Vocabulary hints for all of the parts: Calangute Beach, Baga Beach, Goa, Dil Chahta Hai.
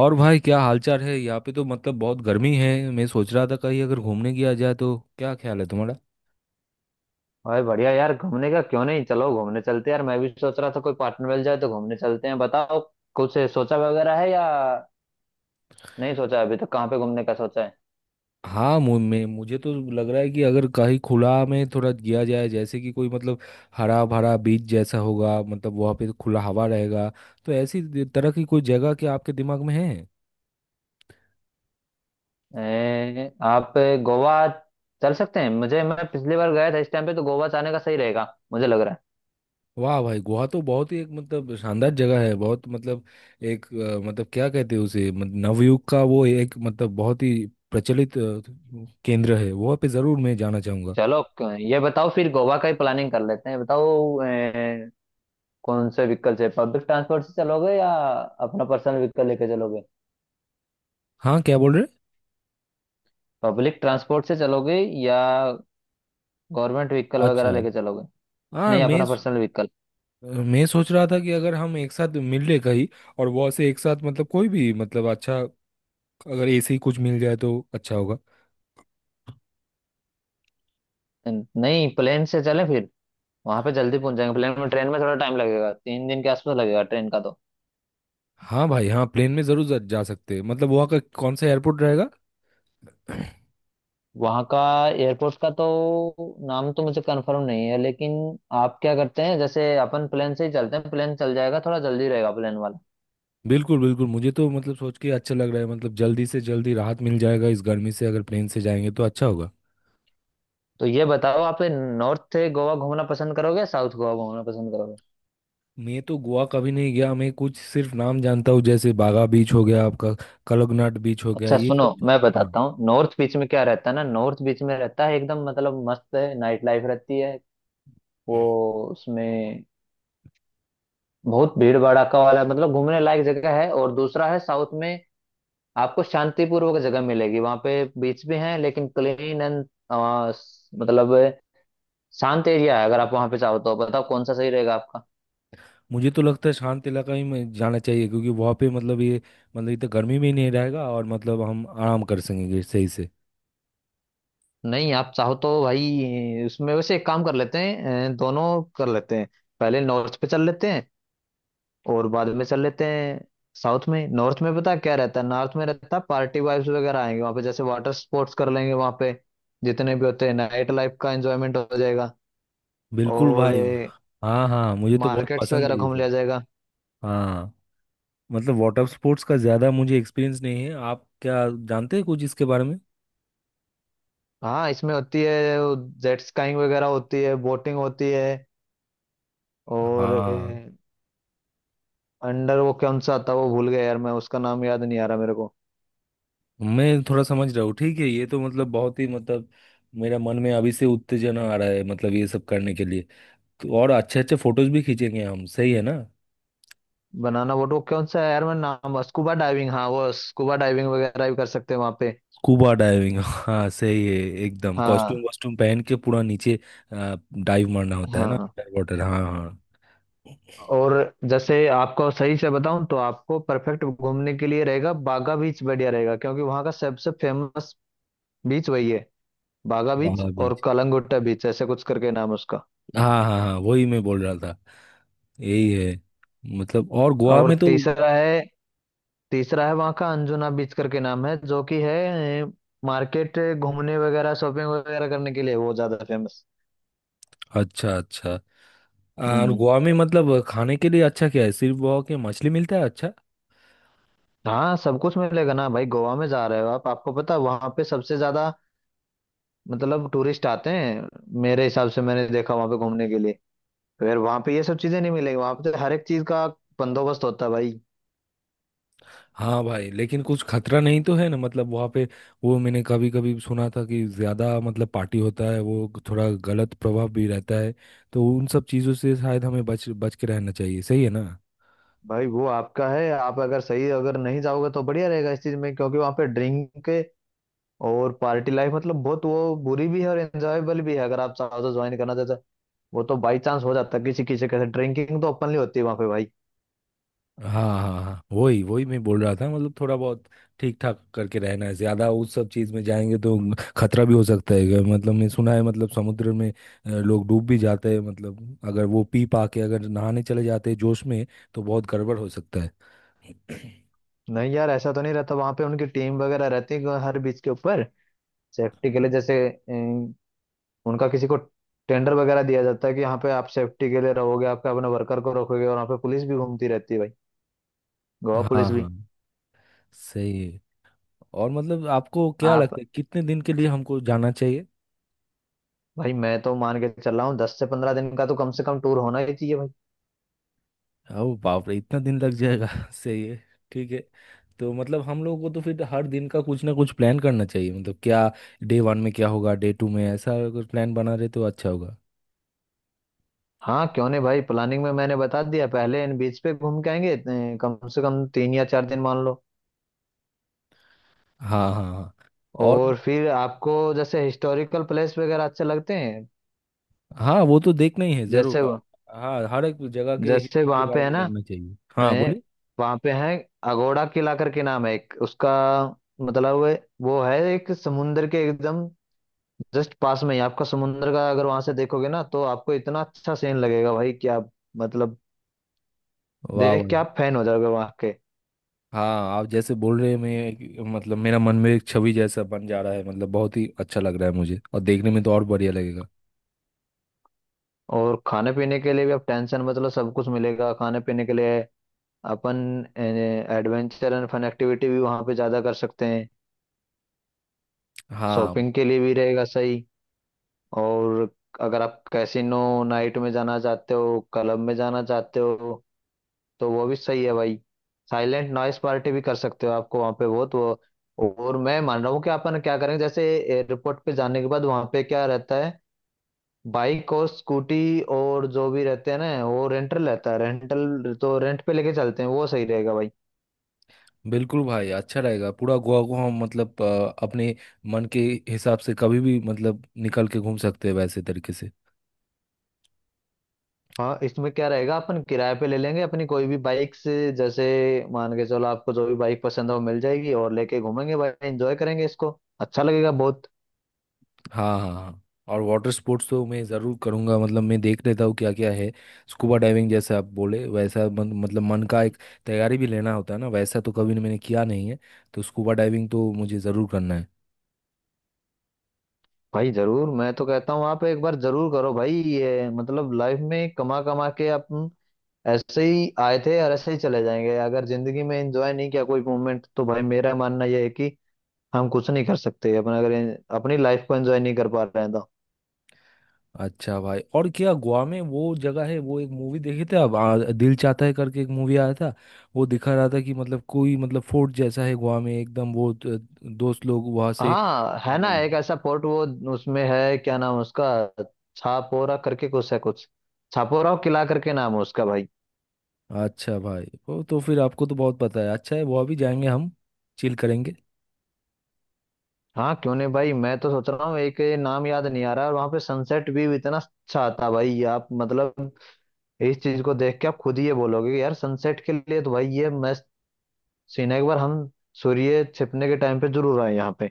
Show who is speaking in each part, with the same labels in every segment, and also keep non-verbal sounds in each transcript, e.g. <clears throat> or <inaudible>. Speaker 1: और भाई क्या हालचाल है। यहाँ पे तो मतलब बहुत गर्मी है। मैं सोच रहा था कहीं अगर घूमने गया जाए तो क्या ख्याल है तुम्हारा?
Speaker 2: भाई बढ़िया यार, घूमने का क्यों नहीं, चलो घूमने चलते हैं यार। मैं भी सोच रहा था कोई पार्टनर मिल जाए तो घूमने चलते हैं। बताओ कुछ सोचा वगैरह है या नहीं? सोचा अभी तक कहाँ पे घूमने का? सोचा है
Speaker 1: हाँ, मु- मैं मुझे तो लग रहा है कि अगर कहीं खुला में थोड़ा गया जाए, जैसे कि कोई मतलब हरा भरा बीच जैसा होगा, मतलब वहाँ पे खुला हवा रहेगा। तो ऐसी तरह की कोई जगह क्या आपके दिमाग में है?
Speaker 2: आप गोवा चल सकते हैं। मुझे मैं पिछली बार गया था इस टाइम पे, तो गोवा जाने का सही रहेगा मुझे लग रहा है।
Speaker 1: वाह भाई, गोवा तो बहुत ही एक मतलब शानदार जगह है। बहुत मतलब एक मतलब क्या कहते हैं उसे, मतलब नवयुग का वो एक मतलब बहुत ही प्रचलित केंद्र है। वहाँ पे ज़रूर मैं जाना चाहूँगा।
Speaker 2: चलो ये बताओ फिर गोवा का ही प्लानिंग कर लेते हैं। बताओ कौन से व्हीकल से, पब्लिक ट्रांसपोर्ट से चलोगे या अपना पर्सनल व्हीकल लेके चलोगे?
Speaker 1: हाँ, क्या बोल रहे?
Speaker 2: पब्लिक ट्रांसपोर्ट से चलोगे या गवर्नमेंट व्हीकल वगैरह
Speaker 1: अच्छा।
Speaker 2: लेके चलोगे?
Speaker 1: हाँ,
Speaker 2: नहीं, अपना पर्सनल व्हीकल।
Speaker 1: मैं सोच रहा था कि अगर हम एक साथ मिल ले कहीं और वहाँ से एक साथ मतलब कोई भी मतलब अच्छा अगर ऐसे ही कुछ मिल जाए तो अच्छा होगा।
Speaker 2: नहीं, प्लेन से चले फिर, वहां पे जल्दी पहुंच जाएंगे प्लेन में। ट्रेन में थोड़ा टाइम लगेगा, 3 दिन के आसपास लगेगा ट्रेन का तो।
Speaker 1: हाँ भाई, हाँ, प्लेन में जरूर जा जा सकते हैं। मतलब वहाँ का कौन सा एयरपोर्ट रहेगा? <clears throat>
Speaker 2: वहां का एयरपोर्ट का तो नाम तो मुझे कंफर्म नहीं है, लेकिन आप क्या करते हैं, जैसे अपन प्लेन से ही चलते हैं, प्लेन चल जाएगा, थोड़ा जल्दी रहेगा प्लेन वाला।
Speaker 1: बिल्कुल बिल्कुल, मुझे तो मतलब सोच के अच्छा लग रहा है। मतलब जल्दी से जल्दी राहत मिल जाएगा इस गर्मी से, अगर प्लेन से जाएंगे तो अच्छा होगा।
Speaker 2: तो ये बताओ, आप नॉर्थ गोवा घूमना पसंद करोगे या साउथ गोवा घूमना पसंद करोगे?
Speaker 1: मैं तो गोवा कभी नहीं गया। मैं कुछ सिर्फ नाम जानता हूँ, जैसे बागा बीच हो गया आपका, कलगनाट बीच हो गया,
Speaker 2: अच्छा
Speaker 1: ये
Speaker 2: सुनो,
Speaker 1: सब
Speaker 2: मैं
Speaker 1: हाँ।
Speaker 2: बताता हूँ। नॉर्थ बीच में क्या रहता है ना, नॉर्थ बीच में रहता है एकदम मतलब मस्त है, नाइट लाइफ रहती है वो, उसमें बहुत भीड़ भड़ाका वाला मतलब घूमने लायक जगह है। और दूसरा है साउथ में, आपको शांतिपूर्वक जगह मिलेगी वहां पे। बीच भी है लेकिन क्लीन एंड मतलब शांत एरिया है। अगर आप वहां पे चाहो तो बताओ कौन सा सही रहेगा आपका?
Speaker 1: मुझे तो लगता है शांत इलाका ही में जाना चाहिए, क्योंकि वहाँ पे मतलब ये मतलब इतना गर्मी में ही नहीं रहेगा, और मतलब हम आराम कर सकेंगे सही से।
Speaker 2: नहीं, आप चाहो तो भाई उसमें वैसे एक काम कर लेते हैं, दोनों कर लेते हैं। पहले नॉर्थ पे चल लेते हैं और बाद में चल लेते हैं साउथ में। नॉर्थ में पता है क्या रहता है? नॉर्थ में रहता है पार्टी वाइब्स वगैरह आएंगे वहां पे, जैसे वाटर स्पोर्ट्स कर लेंगे वहां पे जितने भी होते हैं, नाइट लाइफ का एंजॉयमेंट हो जाएगा,
Speaker 1: बिल्कुल
Speaker 2: और
Speaker 1: भाई। हाँ हाँ, मुझे तो बहुत
Speaker 2: मार्केट्स
Speaker 1: पसंद है
Speaker 2: वगैरह
Speaker 1: ये
Speaker 2: घूम
Speaker 1: सब।
Speaker 2: लिया जाएगा।
Speaker 1: हाँ, मतलब वाटर स्पोर्ट्स का ज़्यादा मुझे एक्सपीरियंस नहीं है। आप क्या जानते हैं कुछ इसके बारे में?
Speaker 2: हाँ, इसमें होती है जेट स्काइंग वगैरह, होती है बोटिंग, होती है।
Speaker 1: हाँ,
Speaker 2: और अंडर वो कौन सा आता है, वो भूल गया यार, मैं उसका नाम याद नहीं आ रहा मेरे को।
Speaker 1: मैं थोड़ा समझ रहा हूँ। ठीक है, ये तो मतलब बहुत ही मतलब मेरा मन में अभी से उत्तेजना आ रहा है, मतलब ये सब करने के लिए। तो और अच्छे अच्छे फोटोज भी खींचेंगे हम, सही है ना?
Speaker 2: बनाना बोट, वो कौन सा है यार, मैं नाम, स्कूबा डाइविंग, हाँ वो स्कूबा डाइविंग वगैरह भी कर सकते हैं वहाँ पे।
Speaker 1: स्कूबा डाइविंग, हाँ सही है। एकदम
Speaker 2: हाँ,
Speaker 1: कॉस्ट्यूम वॉस्ट्यूम पहन के पूरा नीचे डाइव मारना होता है ना,
Speaker 2: हाँ।
Speaker 1: अंडर वाटर, हाँ हाँ।
Speaker 2: और जैसे आपको सही से बताऊं, तो आपको परफेक्ट घूमने के लिए रहेगा बागा बीच, बढ़िया रहेगा क्योंकि वहाँ का सबसे फेमस बीच वही है, बागा बीच
Speaker 1: बागा
Speaker 2: और
Speaker 1: बीच,
Speaker 2: कलंगुट्टा बीच ऐसे कुछ करके नाम है उसका।
Speaker 1: हाँ हाँ हाँ, वही मैं बोल रहा था। यही है। मतलब और गोवा
Speaker 2: और
Speaker 1: में तो।
Speaker 2: तीसरा है, तीसरा है वहाँ का अंजुना बीच करके नाम है, जो कि है मार्केट घूमने वगैरह शॉपिंग वगैरह करने के लिए, वो ज्यादा फेमस।
Speaker 1: अच्छा अच्छा। और
Speaker 2: हम्म।
Speaker 1: गोवा में मतलब खाने के लिए अच्छा क्या है? सिर्फ वहाँ के मछली मिलता है? अच्छा।
Speaker 2: हाँ सब कुछ मिलेगा ना भाई, गोवा में जा रहे हो आप, आपको पता है वहाँ पे सबसे ज्यादा मतलब टूरिस्ट आते हैं। मेरे हिसाब से मैंने देखा, वहाँ पे घूमने के लिए फिर वहाँ पे ये सब चीजें नहीं मिलेगी, वहाँ पे तो हर एक चीज का बंदोबस्त होता है भाई।
Speaker 1: हाँ भाई, लेकिन कुछ खतरा नहीं तो है ना मतलब वहाँ पे? वो मैंने कभी कभी सुना था कि ज़्यादा मतलब पार्टी होता है, वो थोड़ा गलत प्रभाव भी रहता है। तो उन सब चीज़ों से शायद हमें बच बच के रहना चाहिए, सही है ना?
Speaker 2: भाई वो आपका है, आप अगर सही अगर नहीं जाओगे तो बढ़िया रहेगा इस चीज में, क्योंकि वहां पे ड्रिंक और पार्टी लाइफ मतलब बहुत वो, बुरी भी है और एंजॉयबल भी है अगर आप चाहो तो ज्वाइन करना चाहते हो। वो तो बाई चांस हो जाता है किसी किसी के साथ, ड्रिंकिंग तो ओपनली होती है वहां पे भाई।
Speaker 1: हाँ हाँ हाँ, वही वही मैं बोल रहा था। मतलब थोड़ा बहुत ठीक ठाक करके रहना है। ज़्यादा उस सब चीज़ में जाएंगे तो खतरा भी हो सकता है। मतलब मैं सुना है मतलब समुद्र में लोग डूब भी जाते हैं, मतलब अगर वो पी पा के अगर नहाने चले जाते हैं जोश में, तो बहुत गड़बड़ हो सकता है। <coughs> <clears throat>
Speaker 2: नहीं यार, ऐसा तो नहीं रहता वहां पे, उनकी टीम वगैरह रहती है हर बीच के ऊपर सेफ्टी के लिए, जैसे उनका किसी को टेंडर वगैरह दिया जाता है कि यहाँ पे आप सेफ्टी के लिए रहोगे, आपके अपने वर्कर को रखोगे, और वहाँ पे पुलिस भी घूमती रहती है भाई, गोवा
Speaker 1: हाँ
Speaker 2: पुलिस भी।
Speaker 1: हाँ, सही है। और मतलब आपको क्या लगता
Speaker 2: आप,
Speaker 1: है कितने दिन के लिए हमको जाना चाहिए?
Speaker 2: भाई मैं तो मान के चल रहा हूँ 10 से 15 दिन का तो कम से कम टूर होना ही चाहिए भाई।
Speaker 1: ओ बाप रे, इतना दिन लग जाएगा! <laughs> सही है, ठीक है। तो मतलब हम लोगों को तो फिर हर दिन का कुछ ना कुछ प्लान करना चाहिए। मतलब क्या डे वन में क्या होगा, डे टू में, ऐसा अगर प्लान बना रहे तो अच्छा होगा।
Speaker 2: हाँ क्यों नहीं भाई, प्लानिंग में मैंने बता दिया, पहले इन बीच पे घूम के आएंगे इतने- कम से कम 3 या 4 दिन मान लो।
Speaker 1: हाँ हाँ हाँ। और
Speaker 2: और फिर आपको जैसे हिस्टोरिकल प्लेस वगैरह अच्छे लगते हैं,
Speaker 1: हाँ, वो तो देखना ही है
Speaker 2: जैसे
Speaker 1: जरूर। हाँ, हर एक जगह के
Speaker 2: जैसे
Speaker 1: हिस्ट्री के
Speaker 2: वहाँ
Speaker 1: बारे
Speaker 2: पे है
Speaker 1: में
Speaker 2: ना,
Speaker 1: जानना चाहिए। हाँ
Speaker 2: ए,
Speaker 1: बोलिए।
Speaker 2: वहाँ पे है अगोड़ा किला करके नाम है एक उसका। मतलब वो है एक समुंदर के एकदम जस्ट पास में ही, आपका समुंदर का अगर वहां से देखोगे ना तो आपको इतना अच्छा सीन लगेगा भाई, क्या मतलब,
Speaker 1: वाह वाह।
Speaker 2: देख के आप फैन हो जाओगे वहाँ के।
Speaker 1: हाँ, आप जैसे बोल रहे हैं, मतलब मेरा मन में एक छवि जैसा बन जा रहा है, मतलब बहुत ही अच्छा लग रहा है मुझे, और देखने में तो और बढ़िया लगेगा।
Speaker 2: और खाने पीने के लिए भी आप टेंशन, मतलब सब कुछ मिलेगा खाने पीने के लिए। अपन एडवेंचर एंड फन एक्टिविटी भी वहाँ पे ज़्यादा कर सकते हैं,
Speaker 1: हाँ
Speaker 2: शॉपिंग के लिए भी रहेगा सही। और अगर आप कैसीनो नाइट में जाना चाहते हो, क्लब में जाना चाहते हो, तो वो भी सही है भाई। साइलेंट नॉइस पार्टी भी कर सकते हो, आपको वहाँ पे बहुत वो। और मैं मान रहा हूँ कि अपन क्या करेंगे, जैसे एयरपोर्ट पे जाने के बाद वहाँ पे क्या रहता है, बाइक और स्कूटी और जो भी रहते हैं ना, वो रेंटल रहता है, रेंटल तो रेंट पे लेके चलते हैं, वो सही रहेगा भाई।
Speaker 1: बिल्कुल भाई, अच्छा रहेगा। पूरा गोवा को हम मतलब अपने मन के हिसाब से कभी भी मतलब निकल के घूम सकते हैं, वैसे तरीके से।
Speaker 2: हाँ इसमें क्या रहेगा, अपन किराए पे ले लेंगे अपनी कोई भी बाइक, से जैसे मान के चलो आपको जो भी बाइक पसंद हो मिल जाएगी, और लेके घूमेंगे भाई, एंजॉय करेंगे इसको, अच्छा लगेगा बहुत।
Speaker 1: हाँ हाँ हाँ। और वाटर स्पोर्ट्स तो मैं ज़रूर करूँगा। मतलब मैं देख लेता हूँ क्या क्या है। स्कूबा डाइविंग जैसा आप बोले, वैसा मतलब मन का एक तैयारी भी लेना होता है ना, वैसा तो कभी मैंने किया नहीं है। तो स्कूबा डाइविंग तो मुझे ज़रूर करना है।
Speaker 2: भाई जरूर, मैं तो कहता हूँ आप एक बार जरूर करो भाई, ये मतलब लाइफ में कमा कमा के अपन ऐसे ही आए थे और ऐसे ही चले जाएंगे, अगर जिंदगी में एंजॉय नहीं किया कोई मोमेंट, तो भाई मेरा मानना यह है कि हम कुछ नहीं कर सकते। अपन अगर अपनी लाइफ को एंजॉय नहीं कर पा रहे हैं तो।
Speaker 1: अच्छा भाई, और क्या गोवा में वो जगह है? वो एक मूवी देखे थे आप, दिल चाहता है करके एक मूवी आया था। वो दिखा रहा था कि मतलब कोई मतलब फोर्ट जैसा है गोवा में, एकदम वो दोस्त लोग वहां से।
Speaker 2: हाँ है ना, एक
Speaker 1: हम्म।
Speaker 2: ऐसा पोर्ट वो, उसमें है क्या नाम है उसका, छापोरा करके कुछ है, कुछ छापोरा और किला करके नाम है उसका भाई।
Speaker 1: अच्छा भाई, वो तो फिर आपको तो बहुत पता है। अच्छा है, गोवा भी जाएंगे हम, चिल करेंगे।
Speaker 2: हाँ क्यों नहीं भाई, मैं तो सोच रहा हूँ, एक ये नाम याद नहीं आ रहा। और वहां पे सनसेट भी इतना अच्छा आता है भाई, आप मतलब इस चीज को देख के आप खुद ही ये बोलोगे कि यार सनसेट के लिए तो भाई ये मस्त सीन है। एक बार हम सूर्य छिपने के टाइम पे जरूर आए यहाँ पे।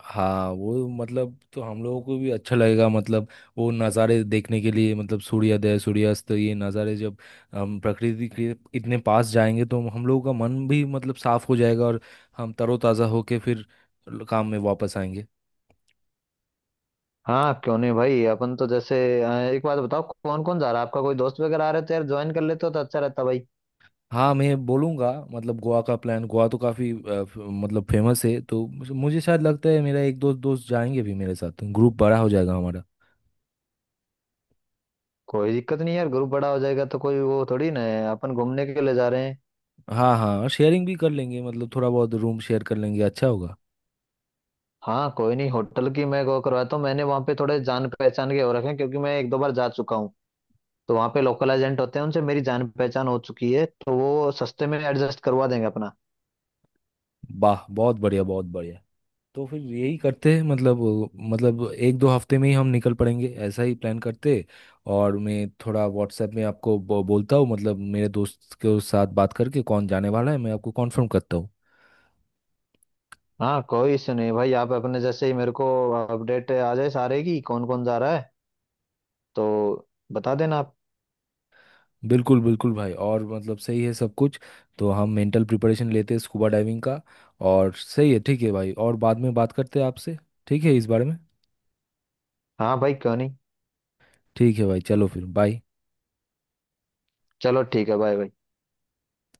Speaker 1: हाँ, वो मतलब तो हम लोगों को भी अच्छा लगेगा। मतलब वो नज़ारे देखने के लिए, मतलब सूर्योदय सूर्यास्त, ये नज़ारे जब हम प्रकृति के इतने पास जाएंगे तो हम लोगों का मन भी मतलब साफ हो जाएगा, और हम तरोताज़ा होके फिर काम में वापस आएंगे।
Speaker 2: हाँ क्यों नहीं भाई, अपन तो जैसे एक बात बताओ, कौन कौन जा रहा है आपका? कोई दोस्त वगैरह आ रहे तो यार ज्वाइन कर लेते हो तो अच्छा रहता भाई।
Speaker 1: हाँ, मैं बोलूँगा मतलब गोवा का प्लान। गोवा तो काफ़ी मतलब फेमस है, तो मुझे मुझे शायद लगता है मेरा एक दो दोस्त जाएंगे भी मेरे साथ, ग्रुप बड़ा हो जाएगा हमारा।
Speaker 2: कोई दिक्कत नहीं यार, ग्रुप बड़ा हो जाएगा तो कोई वो थोड़ी ना है, अपन घूमने के लिए जा रहे हैं।
Speaker 1: हाँ हाँ, और शेयरिंग भी कर लेंगे, मतलब थोड़ा बहुत रूम शेयर कर लेंगे, अच्छा होगा।
Speaker 2: हाँ कोई नहीं, होटल की मैं वो करवाता हूँ, मैंने वहाँ पे थोड़े जान पहचान के हो रखे हैं क्योंकि मैं एक दो बार जा चुका हूँ, तो वहाँ पे लोकल एजेंट होते हैं, उनसे मेरी जान पहचान हो चुकी है, तो वो सस्ते में एडजस्ट करवा देंगे अपना।
Speaker 1: वाह बहुत बढ़िया, बहुत बढ़िया। तो फिर यही करते हैं। मतलब मतलब एक दो हफ्ते में ही हम निकल पड़ेंगे, ऐसा ही प्लान करते। और मैं थोड़ा व्हाट्सएप में आपको बोलता हूँ, मतलब मेरे दोस्त के साथ बात करके कौन जाने वाला है, मैं आपको कॉन्फर्म करता हूँ।
Speaker 2: हाँ कोई इश्यू नहीं भाई, आप अपने जैसे ही मेरे को अपडेट आ जाए सारे की कौन कौन जा रहा है तो बता देना आप।
Speaker 1: बिल्कुल बिल्कुल भाई, और मतलब सही है सब कुछ। तो हम मेंटल प्रिपरेशन लेते हैं स्कूबा डाइविंग का। और सही है, ठीक है भाई, और बाद में बात करते हैं आपसे, ठीक है, इस बारे में।
Speaker 2: हाँ भाई क्यों नहीं।
Speaker 1: ठीक है भाई, चलो फिर बाय।
Speaker 2: चलो ठीक है, बाय बाय।